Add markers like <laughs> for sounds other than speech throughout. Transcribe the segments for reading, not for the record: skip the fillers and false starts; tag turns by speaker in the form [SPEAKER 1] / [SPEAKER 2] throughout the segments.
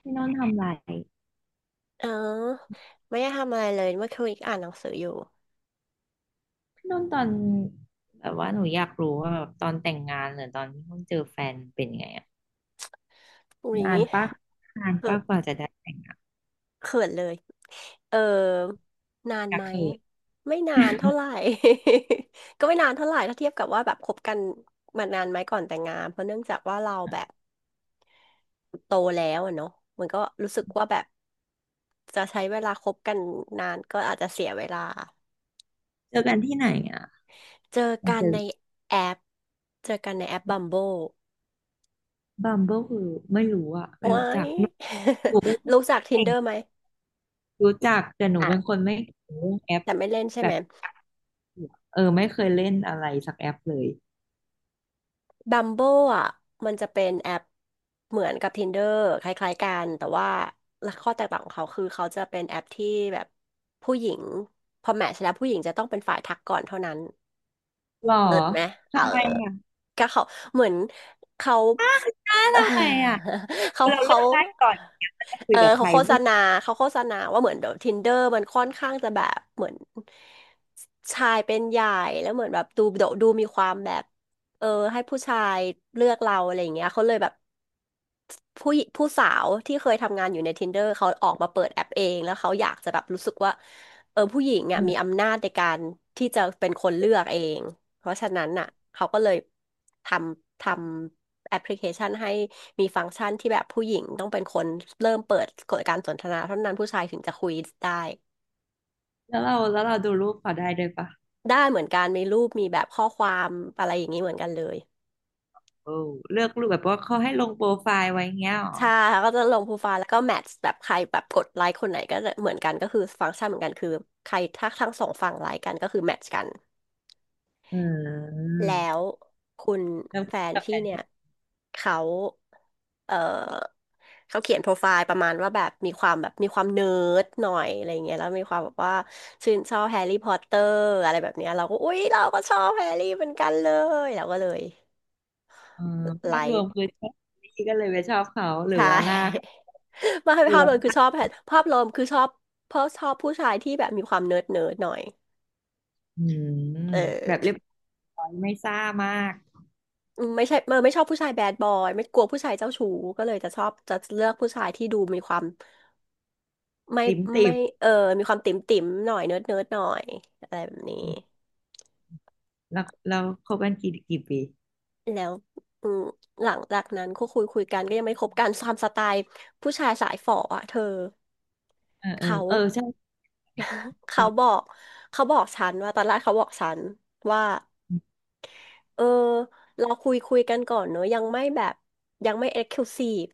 [SPEAKER 1] พี่นนท์ทำอะไร
[SPEAKER 2] เออไม่ได้ทำอะไรเลยเมื่อคืนอ่านหนังสืออยู่
[SPEAKER 1] พี่นนท์ตอนแบบว่าหนูอยากรู้ว่าแบบตอนแต่งงานหรือตอนที่เพิ่งเจอแฟนเป็นไงอะ
[SPEAKER 2] อุ้ย
[SPEAKER 1] นานปะนาน
[SPEAKER 2] เขิ
[SPEAKER 1] ปะ
[SPEAKER 2] น
[SPEAKER 1] กว่าจะได้แต่งงาน
[SPEAKER 2] เขินเลยเออนาน
[SPEAKER 1] ก็
[SPEAKER 2] ไหม
[SPEAKER 1] คือ
[SPEAKER 2] ไม่นานเท่าไหร่ <laughs> ก็ไม่นานเท่าไหร่ถ้าเทียบกับว่าแบบคบกันมานานไหมก่อนแต่งงานเพราะเนื่องจากว่าเราแบบโตแล้วอะเนาะมันก็รู้สึกว่าแบบจะใช้เวลาคบกันนานก็อาจจะเสียเวลา
[SPEAKER 1] เจอกันที่ไหนอ่ะ
[SPEAKER 2] เจอ
[SPEAKER 1] มัน
[SPEAKER 2] กั
[SPEAKER 1] เจ
[SPEAKER 2] น
[SPEAKER 1] อ
[SPEAKER 2] ในแอปเจอกันในแอปบัมโบ
[SPEAKER 1] บัมเบิลคือไม่รู้อ่ะไม่
[SPEAKER 2] ว้า
[SPEAKER 1] รู้จัก
[SPEAKER 2] ย
[SPEAKER 1] หนูหนูเป็น
[SPEAKER 2] <laughs>
[SPEAKER 1] คน
[SPEAKER 2] รู้จัก
[SPEAKER 1] เก่ง
[SPEAKER 2] Tinder ไหม
[SPEAKER 1] รู้จักแต่หนู
[SPEAKER 2] อ่ะ
[SPEAKER 1] เป็นคนไม่เก่งเรื่องแอป
[SPEAKER 2] แต่ไม่เล่นใช่
[SPEAKER 1] แบ
[SPEAKER 2] ไหม
[SPEAKER 1] บเออไม่เคยเล่นอะไรสักแอปเลย
[SPEAKER 2] บัมโบอ่ะมันจะเป็นแอปเหมือนกับ Tinder คล้ายๆกันแต่ว่าข้อแตกต่างของเขาคือเขาจะเป็นแอปที่แบบผู้หญิงพอแมทช์แล้วผู้หญิงจะต้องเป็นฝ่ายทักก่อนเท่านั้น
[SPEAKER 1] หรอ
[SPEAKER 2] เลิศไหมเออ
[SPEAKER 1] ทำไมอ่ะ
[SPEAKER 2] ก็เขาเหมือนเขา
[SPEAKER 1] อ้าทำไมอ่ะ
[SPEAKER 2] <laughs> เขา
[SPEAKER 1] เราเลื
[SPEAKER 2] เขา
[SPEAKER 1] อกได้ก่อนเนี่ยว่าจะคุยกับใค
[SPEAKER 2] เขา
[SPEAKER 1] ร
[SPEAKER 2] โฆษ
[SPEAKER 1] พูด
[SPEAKER 2] ณาเขาโฆษณาว่าเหมือนเดี๋ยว Tinder มันค่อนข้างจะแบบเหมือนชายเป็นใหญ่แล้วเหมือนแบบดูมีความแบบเออให้ผู้ชายเลือกเราอะไรอย่างเงี้ยเขาเลยแบบผู้หญิผู้สาวที่เคยทำงานอยู่ใน Tinder เขาออกมาเปิดแอปเองแล้วเขาอยากจะแบบรู้สึกว่าเออผู้หญิงอ่ะมี
[SPEAKER 1] เออ
[SPEAKER 2] อำนาจในการที่จะเป็นคนเลือกเองเพราะฉะนั้นอ่ะเขาก็เลยททำ แอปพลิเคชันให้มีฟังก์ชันที่แบบผู้หญิงต้องเป็นคนเริ่มเปิดกดการสนทนาเท่านั้นผู้ชายถึงจะคุยได้
[SPEAKER 1] แล้วเราดูรูปเขาได้ด้วยปะ
[SPEAKER 2] ได้เหมือนกันมีรูปมีแบบข้อความอะไรอย่างนี้เหมือนกันเลย
[SPEAKER 1] โอ้เลือกรูปแบบว่าเขาให้ลงโปรไฟล์ไว้เงี้ยหรอ
[SPEAKER 2] ใช่แล้วก็จะลงโปรไฟล์แล้วก็แมทช์แบบใครแบบกดไลค์คนไหนก็จะเหมือนกันก็คือฟังก์ชันเหมือนกันคือใครถ้าทั้งสองฝั่งไลค์กันก็คือแมทช์กัน
[SPEAKER 1] อืม
[SPEAKER 2] แล้วคุณ
[SPEAKER 1] แล้ว
[SPEAKER 2] แฟน
[SPEAKER 1] กับแอ
[SPEAKER 2] พี่
[SPEAKER 1] น
[SPEAKER 2] เนี่ย
[SPEAKER 1] ที่
[SPEAKER 2] เขาเออเขาเขียนโปรไฟล์ประมาณว่าแบบมีความแบบมีความเนิร์ดหน่อยอะไรเงี้ยแล้วมีความแบบว่าชื่นชอบแฮร์รี่พอตเตอร์อะไรแบบเนี้ยเราก็อุ๊ยเราก็ชอบแฮร์รี่เหมือนกันเลยเราก็เลย
[SPEAKER 1] เออ
[SPEAKER 2] ไล
[SPEAKER 1] ภาพรวม
[SPEAKER 2] ค์
[SPEAKER 1] คือชอบนี่ก็เลยไปชอบเขาหรือ
[SPEAKER 2] ใช่
[SPEAKER 1] ว่าหน้าเขา
[SPEAKER 2] <laughs> ไมาให้
[SPEAKER 1] หรือ
[SPEAKER 2] ภาพ
[SPEAKER 1] ว่
[SPEAKER 2] รวมคือ
[SPEAKER 1] า
[SPEAKER 2] ชอบแฮร์ภาพรวมคือชอบเพราะชอบผู้ชายที่แบบมีความเนิร์ดเนิร์ดหน่อย
[SPEAKER 1] อืม
[SPEAKER 2] เ
[SPEAKER 1] แบบเรี
[SPEAKER 2] ออ
[SPEAKER 1] ยบร้อยไม่ซ่ามาก
[SPEAKER 2] อืมไม่ใช่ไม่ชอบผู้ชายแบดบอยไม่กลัวผู้ชายเจ้าชู้ก็เลยจะชอบจะเลือกผู้ชายที่ดูมีความไม่
[SPEAKER 1] ติ่มติ่
[SPEAKER 2] ไม่
[SPEAKER 1] ม
[SPEAKER 2] เออมีความติ่มติ่มหน่อยเนิร์ดเนิร์ดหน่อยอะไรแบบนี้
[SPEAKER 1] แล้วเราคบกันกี่ปี
[SPEAKER 2] แล้วอืมหลังจากนั้นก็คุยกันก็ยังไม่คบกันตามสไตล์ผู้ชายสายฝ่ออ่ะเธอ
[SPEAKER 1] เออเออ
[SPEAKER 2] เขา
[SPEAKER 1] เออใช่
[SPEAKER 2] <laughs> เขาบอกเขาบอกฉันว่าตอนแรกเขาบอกฉันว่าเออเราคุยกันก่อนเนอะยังไม่แบบยังไม่เอ็กซ์คลูซีฟ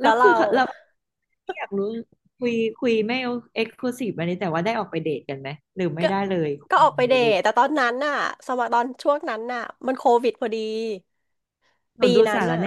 [SPEAKER 1] แล้
[SPEAKER 2] แล้
[SPEAKER 1] ว
[SPEAKER 2] ว
[SPEAKER 1] คือ
[SPEAKER 2] เรา
[SPEAKER 1] เขาเราอยากรู้คุยคุยไม่เอ็กซ์คลูซีฟอันนี้แต่ว่าได้ออกไปเดทกันไหมหรือไม่
[SPEAKER 2] ก็
[SPEAKER 1] ได้เลย
[SPEAKER 2] ก็ออกไป
[SPEAKER 1] เดี๋
[SPEAKER 2] เด
[SPEAKER 1] ยวรู้
[SPEAKER 2] ทแต่ตอนนั้นน่ะสมัยตอนช่วงนั้นน่ะมันโควิดพอดี
[SPEAKER 1] หนู
[SPEAKER 2] ปี
[SPEAKER 1] ดู
[SPEAKER 2] นั้น
[SPEAKER 1] สาร
[SPEAKER 2] น่ะ
[SPEAKER 1] แหน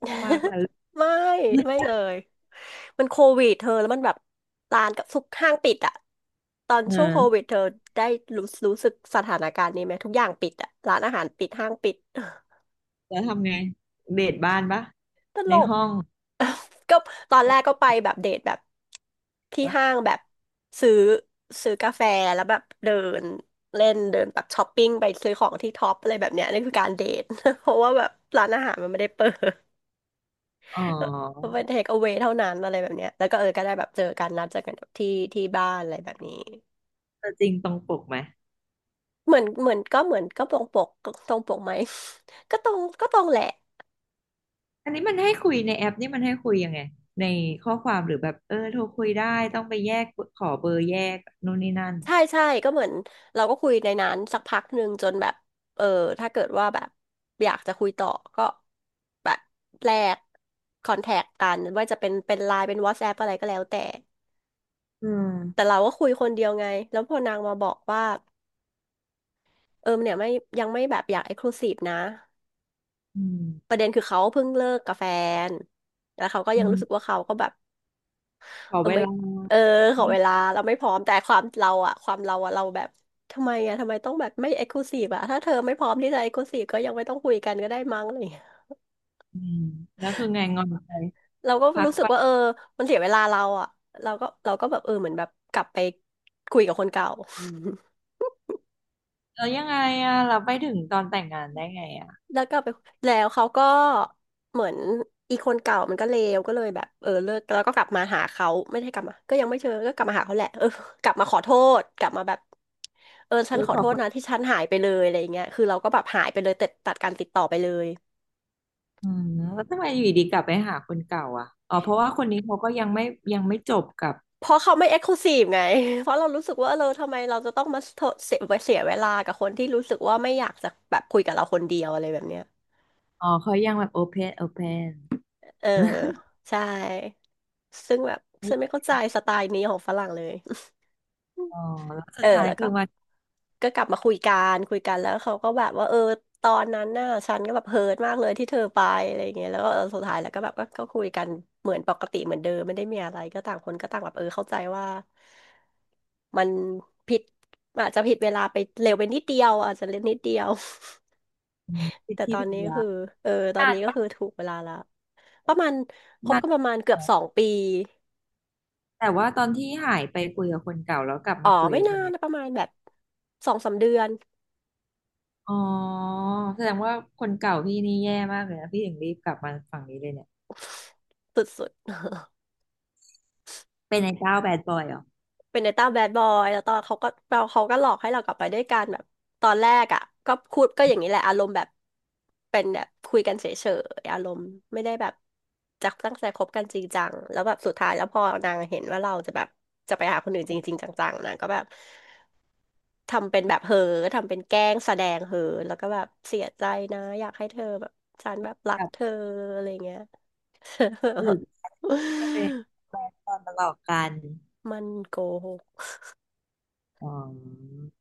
[SPEAKER 1] ชอบมากเลย
[SPEAKER 2] <laughs> ไม่ไม่เลยมันโควิดเธอแล้วมันแบบร้านกับทุกห้างปิดอ่ะตอน
[SPEAKER 1] เอ
[SPEAKER 2] ช่วงโควิ
[SPEAKER 1] อ
[SPEAKER 2] ดเธอได้รู้สึกสถานการณ์นี้ไหมทุกอย่างปิดอ่ะร้านอาหารปิดห้างปิด <laughs>
[SPEAKER 1] แล้วทำไงเดทบ้านปะ
[SPEAKER 2] ต
[SPEAKER 1] ใน
[SPEAKER 2] ลก
[SPEAKER 1] ห้อง
[SPEAKER 2] ก็ตอนแรกก็ไปแบบเดทแบบที่
[SPEAKER 1] ปะ
[SPEAKER 2] ห้างแบบซื้อซื้อกาแฟแล้วแบบเดินเล่นเดินแบบช้อปปิ้งไปซื้อของที่ท็อปอะไรแบบเนี้ยนี่คือการเดท <laughs> เพราะว่าแบบร้านอาหารมันไม่ได้เปิด
[SPEAKER 1] อ๋
[SPEAKER 2] <laughs> มัน
[SPEAKER 1] อ
[SPEAKER 2] เป็นเทคเอาเวเท่านั้นอะไรแบบเนี้ยแล้วก็เออก็ได้แบบเจอกันนัดเจอกันที่บ้านอะไรแบบนี้
[SPEAKER 1] แต่จริงตรงปกไหม
[SPEAKER 2] เหมือนก็เหมือนก็ตรงปกตรงปกไหม <laughs> ก็ตรงแหละ
[SPEAKER 1] อันนี้มันให้คุยในแอปนี่มันให้คุยยังไงในข้อความหรือแบบเออโทรคุยได้ต้องไปแยกขอเบอร์แยกนู่นนี่นั่น
[SPEAKER 2] ใช่ใช่ก็เหมือนเราก็คุยในนั้นสักพักหนึ่งจนแบบเออถ้าเกิดว่าแบบอยากจะคุยต่อก็แบบแลกคอนแทคกันว่าจะเป็นไลน์เป็น WhatsApp อทส์แอปอะไรก็แล้วแต่
[SPEAKER 1] อื
[SPEAKER 2] แต่
[SPEAKER 1] ม
[SPEAKER 2] เราก็คุยคนเดียวไงแล้วพอนางมาบอกว่าเออเนี่ยไม่ยังไม่แบบอยากเอ็กซ์คลูซีฟนะ
[SPEAKER 1] อื
[SPEAKER 2] ป
[SPEAKER 1] ม
[SPEAKER 2] ระเด็นคือเขาเพิ่งเลิกกับแฟนแล้วเขาก็
[SPEAKER 1] อื
[SPEAKER 2] ยังรู้
[SPEAKER 1] ม
[SPEAKER 2] สึกว่าเขาก็แบบ
[SPEAKER 1] ขอ
[SPEAKER 2] เออ
[SPEAKER 1] เว
[SPEAKER 2] ไม่
[SPEAKER 1] ลา
[SPEAKER 2] เออข
[SPEAKER 1] ไหม
[SPEAKER 2] อเวลาเราไม่พร้อมแต่ความเราอะเราแบบทำไมต้องแบบไม่เอ็กซ์คลูซีฟอะถ้าเธอไม่พร้อมที่จะเอ็กซ์คลูซีฟก็ยังไม่ต้องคุยกันก็ได้มั้งอะไรอย่างเงี้ย
[SPEAKER 1] อืมแล้วคือไงงอนไป
[SPEAKER 2] เราก็
[SPEAKER 1] พัก
[SPEAKER 2] รู้สึ
[SPEAKER 1] ไป
[SPEAKER 2] กว่าเออมันเสียเวลาเราอะเราก็แบบเออเหมือนแบบกลับไปคุยกับคนเก่า <laughs>
[SPEAKER 1] แล้วยังไงอ่ะเราไปถึงตอนแต่งงานได้ไงอ่ะ
[SPEAKER 2] แล้วกลับไปแล้วเขาก็เหมือนอีคนเก่ามันก็เลวก็เลยแบบเออเลิกแล้วก็กลับมาหาเขาไม่ได้กลับมาก็ยังไม่เจอก็กลับมาหาเขาแหละเออ <laughs> กลับมาขอโทษกลับมาแบบเออ
[SPEAKER 1] เอ
[SPEAKER 2] ฉัน
[SPEAKER 1] อ
[SPEAKER 2] ขอ
[SPEAKER 1] ข
[SPEAKER 2] โท
[SPEAKER 1] อ
[SPEAKER 2] ษนะที่ฉันหายไปเลยอะไรอย่างเงี้ยคือเราก็แบบหายไปเลยตัดการติดต่อไปเลย
[SPEAKER 1] อืมแล้วทำไมอยู่ดีกลับไปหาคนเก่าอ่ะอ๋อเพราะว่าคนนี้เขาก็ยังไม่ยังไม่จบกับ
[SPEAKER 2] เพราะเขาไม่เอ็กซ์คลูซีฟไง <laughs> เพราะเรารู้สึกว่าเออเราทำไมเราจะต้องมาเสียเวลากับคนที่รู้สึกว่าไม่อยากจะแบบคุยกับเราคนเดียวอะไรแบบเนี้ย
[SPEAKER 1] อ๋อเขายังแบบโอเพนโอ <laughs> เพน
[SPEAKER 2] เออใช่ซึ่งแบบฉันไม่เข้าใจสไตล์นี้ของฝรั่งเลย
[SPEAKER 1] อ๋อแล้ว
[SPEAKER 2] <laughs>
[SPEAKER 1] สุ
[SPEAKER 2] เอ
[SPEAKER 1] ด
[SPEAKER 2] อ
[SPEAKER 1] ท้าย
[SPEAKER 2] แล้ว
[SPEAKER 1] คื
[SPEAKER 2] ก็
[SPEAKER 1] อมา
[SPEAKER 2] กลับมาคุยกันคุยกันแล้วเขาก็แบบว่าเออตอนนั้นน่ะฉันก็แบบเฮิร์ตมากเลยที่เธอไปอะไรเงี้ยแล้วก็เออสุดท้ายแล้วก็แบบก็คุยกันเหมือนปกติเหมือนเดิมไม่ได้มีอะไรก็ต่างคนก็ต่างแบบเออเข้าใจว่ามันผิดอาจจะผิดเวลาไปเร็วไปนิดเดียวอาจจะเล็กนิดเดียว <laughs>
[SPEAKER 1] พิ
[SPEAKER 2] แต่
[SPEAKER 1] ธี
[SPEAKER 2] ตอ
[SPEAKER 1] ปิ
[SPEAKER 2] น
[SPEAKER 1] ท
[SPEAKER 2] นี้ก็
[SPEAKER 1] ยา
[SPEAKER 2] คือเออตอน
[SPEAKER 1] นาน
[SPEAKER 2] นี้ก็
[SPEAKER 1] บ้าง
[SPEAKER 2] คือถูกเวลาแล้วประมาณคบ
[SPEAKER 1] นาน
[SPEAKER 2] กันประมาณเกื
[SPEAKER 1] แห
[SPEAKER 2] อบ
[SPEAKER 1] ล้ว
[SPEAKER 2] 2 ปี
[SPEAKER 1] แต่ว่าตอนที่หายไปคุยกับคนเก่าแล้วกลับ
[SPEAKER 2] อ๋อ
[SPEAKER 1] มาคุย
[SPEAKER 2] ไม่
[SPEAKER 1] กับค
[SPEAKER 2] นา
[SPEAKER 1] น
[SPEAKER 2] น
[SPEAKER 1] เนี้ย
[SPEAKER 2] นะประมาณแบบ2-3 เดือน
[SPEAKER 1] อ๋อแสดงว่าคนเก่าพี่นี่แย่มากเลยนะพี่ถึงรีบกลับมาฝั่งนี้เลยเนี่ย
[SPEAKER 2] สุดๆ
[SPEAKER 1] เป็นไอ้เจ้าแบดบอยเหรอ
[SPEAKER 2] เป็นในต้าแบดบอยแล้วตอนเขาก็เราเขาก็หลอกให้เรากลับไปด้วยกันแบบตอนแรกอ่ะก็พูดก็อย่างนี้แหละอารมณ์แบบเป็นแบบคุยกันเฉยๆอารมณ์ไม่ได้แบบจะตั้งใจคบกันจริงจังแล้วแบบสุดท้ายแล้วพอนางเห็นว่าเราจะแบบจะไปหาคนอื่นจริงๆจังๆนางก็แบบทำเป็นแบบเฮอทำเป็นแกล้งแสดงเฮอแล้วก็แบบเสียใจนะอยากให้เธอแบบฉันแบบรั
[SPEAKER 1] ก
[SPEAKER 2] ก
[SPEAKER 1] ลั
[SPEAKER 2] เธ
[SPEAKER 1] บ
[SPEAKER 2] ออะไรเงี้ย
[SPEAKER 1] หรือก็เป็นแบดบอยมาหลอกกัน
[SPEAKER 2] <laughs> มันโกหก
[SPEAKER 1] อ๋อ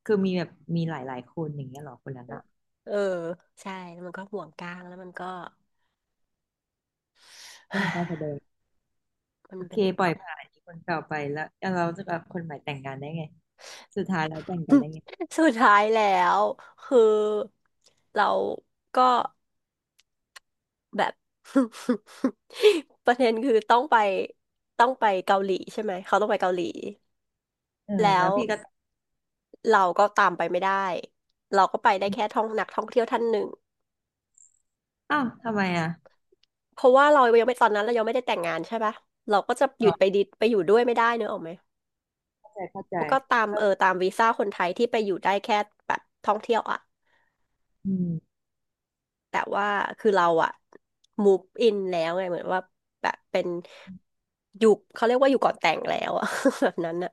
[SPEAKER 1] คือมีแบบมีหลายๆคนอย่างเงี้ยเหรอคนนั้นอะ
[SPEAKER 2] เออใช่แล้วมันก็ห่วงกลางแล้วมันก็
[SPEAKER 1] ทำการแส
[SPEAKER 2] <sighs>
[SPEAKER 1] ดง
[SPEAKER 2] มัน
[SPEAKER 1] โอเค
[SPEAKER 2] เป็น
[SPEAKER 1] ปล่อยผ่านคนเก่าไปแล้วแล้วเราจะกับคนใหม่แต่งงานได้ไงสุดท้ายแล้วแต่งกันได้ไง
[SPEAKER 2] <laughs> สุดท้ายแล้วคือเราก็แบบ <laughs> ประเด็นคือต้องไปเกาหลีใช่ไหมเขาต้องไปเกาหลี
[SPEAKER 1] เออ
[SPEAKER 2] แล้
[SPEAKER 1] แล้ว
[SPEAKER 2] ว
[SPEAKER 1] พี่ก็
[SPEAKER 2] เราก็ตามไปไม่ได้เราก็ไปได้แค่ท่องนักท่องเที่ยวท่านหนึ่ง
[SPEAKER 1] อ้าวทำไมอ่ะ
[SPEAKER 2] เพราะว่าเรายังไม่ตอนนั้นเรายังไม่ได้แต่งงานใช่ปะเราก็จะห
[SPEAKER 1] อ๋
[SPEAKER 2] ยุดไป
[SPEAKER 1] อ
[SPEAKER 2] ดิไปอยู่ด้วยไม่ได้เนอะออกไหม
[SPEAKER 1] เข้าใจเข้าใจ
[SPEAKER 2] แล้ก็ตาม
[SPEAKER 1] ก็
[SPEAKER 2] เออตามวีซ่าคนไทยที่ไปอยู่ได้แค่แบบท่องเที่ยวอ่ะ
[SPEAKER 1] อืม
[SPEAKER 2] แต่ว่าคือเราอะ move in แล้วไงเหมือนว่าแบบเป็นอยู่เขาเรียกว่าอยู่ก่อนแต่งแล้วอะ <laughs> แบบนั้นอะ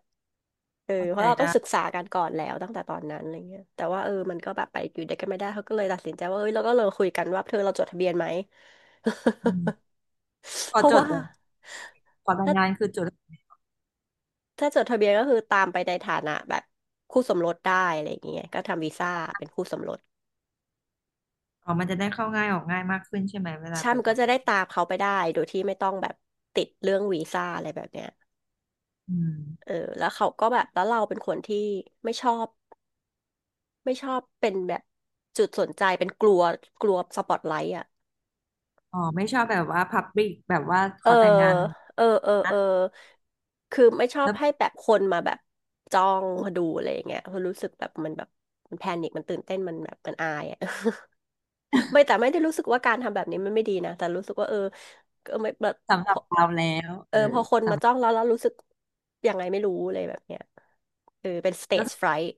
[SPEAKER 2] เออ
[SPEAKER 1] เข้า
[SPEAKER 2] เพ
[SPEAKER 1] ใจ
[SPEAKER 2] ราะเราต้อ
[SPEAKER 1] ได้
[SPEAKER 2] งศึกษากันก่อนแล้วตั้งแต่ตอนนั้นอะไรเงี้ยแต่ว่าเออมันก็แบบไปอยู่ด้วยกันไม่ได้เขาก็เลยตัดสินใจว่าเอ้ยเราก็เลยคุยกันว่าเธอเราจดทะเบียนไหม <laughs>
[SPEAKER 1] อืมขอ
[SPEAKER 2] เพราะ
[SPEAKER 1] จด
[SPEAKER 2] ว่า
[SPEAKER 1] เหรอ่ะขอแต่ง
[SPEAKER 2] ถ้า
[SPEAKER 1] งานคือจด
[SPEAKER 2] ถ้าจดทะเบียนก็คือตามไปในฐานะแบบคู่สมรสได้อะไรอย่างเงี้ยก็ทำวีซ่าเป็นคู่สมรส
[SPEAKER 1] อ๋อมันจะได้เข้าง่ายออกง่ายมากขึ้นใช่ไหมเวลา
[SPEAKER 2] ใช่
[SPEAKER 1] ไป
[SPEAKER 2] มันก็
[SPEAKER 1] ต่าง
[SPEAKER 2] จะได้ตามเขาไปได้โดยที่ไม่ต้องแบบติดเรื่องวีซ่าอะไรแบบเนี้ย
[SPEAKER 1] อื
[SPEAKER 2] เอ
[SPEAKER 1] ม
[SPEAKER 2] อแล้วเขาก็แบบแล้วเราเป็นคนที่ไม่ชอบไม่ชอบเป็นแบบจุดสนใจเป็นกลัวกลัวสปอตไลท์อ่ะ
[SPEAKER 1] อ๋อไม่ชอบแบบว่าพับบิกแบบว่าข
[SPEAKER 2] เออ
[SPEAKER 1] อแต่งงาน
[SPEAKER 2] เออเออ
[SPEAKER 1] นะ
[SPEAKER 2] เออคือไม่ชอบ
[SPEAKER 1] แล้ว
[SPEAKER 2] ให้แบบคนมาแบบจ้องดูอะไรอย่างเงี้ยเพราะรู้สึกแบบมันแพนิคมันตื่นเต้นมันแบบมันอายอ่ะ <laughs> ไม่แต่ไม่ได้รู้สึกว่าการทำแบบนี้มันไม่ดีนะแต่รู้สึกว่าเออเออไม่แบบ
[SPEAKER 1] สำห
[SPEAKER 2] พ
[SPEAKER 1] รับ
[SPEAKER 2] อ
[SPEAKER 1] เราแล้ว
[SPEAKER 2] เอ
[SPEAKER 1] เอ
[SPEAKER 2] อพ
[SPEAKER 1] อ
[SPEAKER 2] อคนมาจ้องแล้วแล้วรู้สึกยังไงไม่รู้เลยแบบเนี้ยเออเป็น
[SPEAKER 1] แล้ว
[SPEAKER 2] stage fright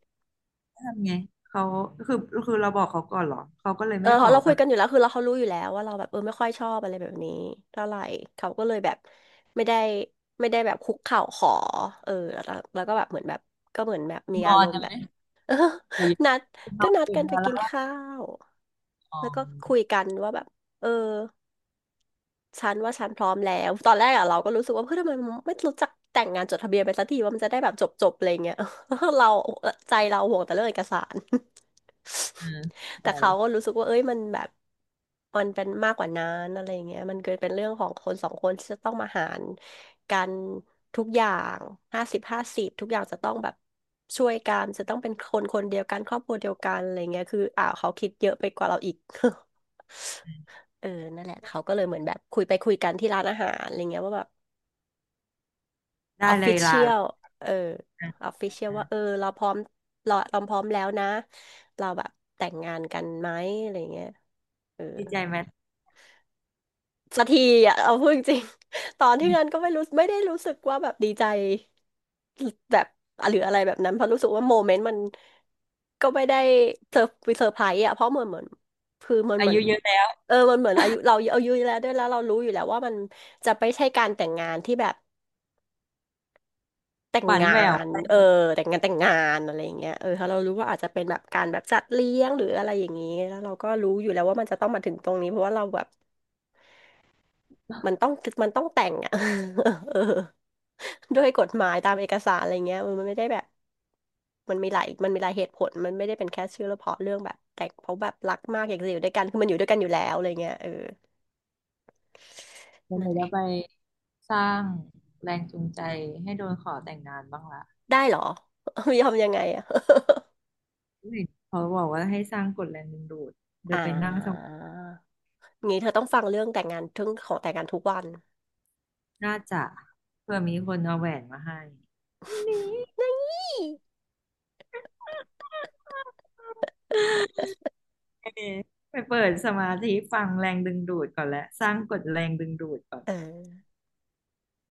[SPEAKER 1] ทำไงเขาคือคือเราบอกเขาก่อนเหรอเขาก็เลย
[SPEAKER 2] เออ
[SPEAKER 1] ไม่ขอ
[SPEAKER 2] เรา
[SPEAKER 1] แบ
[SPEAKER 2] คุย
[SPEAKER 1] บ
[SPEAKER 2] กันอยู่แล้วคือเราเขารู้อยู่แล้วว่าเราแบบเออไม่ค่อยชอบอะไรแบบนี้เท่าไหร่เขาก็เลยแบบไม่ได้ไม่ได้แบบคุกเข่าขอแล้วก็แบบเหมือนแบบก็เหมือนแบบมี
[SPEAKER 1] ง
[SPEAKER 2] อา
[SPEAKER 1] อ
[SPEAKER 2] ร
[SPEAKER 1] น
[SPEAKER 2] มณ์
[SPEAKER 1] ยัง
[SPEAKER 2] แบ
[SPEAKER 1] ไง
[SPEAKER 2] บ
[SPEAKER 1] หรือยัง
[SPEAKER 2] <laughs> นัด
[SPEAKER 1] น
[SPEAKER 2] ก็
[SPEAKER 1] อน
[SPEAKER 2] นัด
[SPEAKER 1] ตื่
[SPEAKER 2] กั
[SPEAKER 1] น
[SPEAKER 2] นไป
[SPEAKER 1] มาแล้
[SPEAKER 2] กิน
[SPEAKER 1] ว
[SPEAKER 2] ข้าว
[SPEAKER 1] อ๋อ
[SPEAKER 2] แล้วก็คุยกันว่าแบบเออ ฉันว่าฉันพร้อมแล้วตอนแรกอะเราก็รู้สึกว่าเพื่อนทำไมไม่รู้จักแต่งงานจดทะเบียนไปสักทีว่ามันจะได้แบบจบจบอะไรเงี้ย <laughs> เราใจเราห่วงแต่เรื่องเอกสาร
[SPEAKER 1] อ่า
[SPEAKER 2] <laughs> แต่
[SPEAKER 1] ใช่
[SPEAKER 2] เขาก็รู้สึกว่าเอ้ยมันแบบมันเป็นมากกว่านั้นอะไรเงี้ยมันเกิดเป็นเรื่องของคนสองคนที่จะต้องมาหารกันทุกอย่าง50-50ทุกอย่างจะต้องแบบช่วยกันจะต้องเป็นคนคนเดียวกันครอบครัวเดียวกันอะไรเงี้ยคืออ่าเขาคิดเยอะไปกว่าเราอีก เออนั่นแหละเขาก็เลยเหมือนแบบคุยไปคุยกันที่ร้านอาหารอะไรเงี้ยว่าแบบอ
[SPEAKER 1] ได้
[SPEAKER 2] อฟ
[SPEAKER 1] เล
[SPEAKER 2] ฟิ
[SPEAKER 1] ย
[SPEAKER 2] เชี
[SPEAKER 1] ลา
[SPEAKER 2] ย
[SPEAKER 1] ละ
[SPEAKER 2] ลเออ
[SPEAKER 1] อ่ะ
[SPEAKER 2] ออฟฟิเชียล
[SPEAKER 1] อ่ะ
[SPEAKER 2] ว่าเออเราพร้อมเราพร้อมแล้วนะเราแบบแต่งงานกันไหมอะไรเงี้ยเออ
[SPEAKER 1] ดีใจไหม
[SPEAKER 2] สักทีอ่ะเอาพูดจริง <laughs> ตอนที่นั้นก็ไม่รู้ไม่ได้รู้สึกว่าแบบดีใจแบบหรืออะไรแบบนั้นเพราะรู้สึกว่าโมเมนต์มันก็ไม่ได้เซอร์เซอร์ไพรส์อ่ะเพราะเหมือนคือมัน
[SPEAKER 1] อา
[SPEAKER 2] เหมือน
[SPEAKER 1] ยุเยอะแล้ว
[SPEAKER 2] เออมันเหมือนอายุเราอายุแล้วด้วยแล้วเรารู้อยู่แล้วว่ามันจะไม่ใช่การแต่งงานที่แบบแต่ง
[SPEAKER 1] หวาน
[SPEAKER 2] งา
[SPEAKER 1] แหว
[SPEAKER 2] น
[SPEAKER 1] ว
[SPEAKER 2] เออแต่งงานอะไรอย่างเงี้ยเออถ้าเรารู้ว่าอาจจะเป็นแบบการแบบจัดเลี้ยงหรืออะไรอย่างนี้แล้วเราก็รู้อยู่แล้วว่ามันจะต้องมาถึงตรงนี้เพราะว่าเราแบบมันต้องมันต้องแต่งอ่ะ <laughs> เออ ด้วยกฎหมายตามเอกสารอะไรเงี้ยเออมันไม่ได้แบบมันมีหลายเหตุผลมันไม่ได้เป็นแค่ชื่อลเฉพราะเรื่องแบบแต่งเพราะแบบรักมากอยากจะอยู่ด้วยกันคือมันอยู่ด้วยกันอยู่แล้วอะไรเงี้ยเออ
[SPEAKER 1] แล้ว
[SPEAKER 2] นั่
[SPEAKER 1] เรา
[SPEAKER 2] นแห
[SPEAKER 1] จะ
[SPEAKER 2] ละ
[SPEAKER 1] ไปสร้างแรงจูงใจให้โดนขอแต่งงานบ้างล่ะ
[SPEAKER 2] ได้เหรอ <laughs> ยอมยังไงอะ
[SPEAKER 1] เนเขาบอกว่าให้สร้างกฎแรงดึงดูด
[SPEAKER 2] <laughs>
[SPEAKER 1] เดี๋ย
[SPEAKER 2] อ่า
[SPEAKER 1] วไปนั่งสมา
[SPEAKER 2] งี้เธอต้องฟังเรื่องแต่งงานทึ่งของแต่งงานทุกวัน
[SPEAKER 1] น่าจะเพื่อมีคนเอาแหวนมาให้
[SPEAKER 2] <laughs> นี่
[SPEAKER 1] ไปเปิดสมาธิฟังแรงดึงดูดก่อนแลวสร้างกฎแรงดึงดูดก่อน
[SPEAKER 2] เออ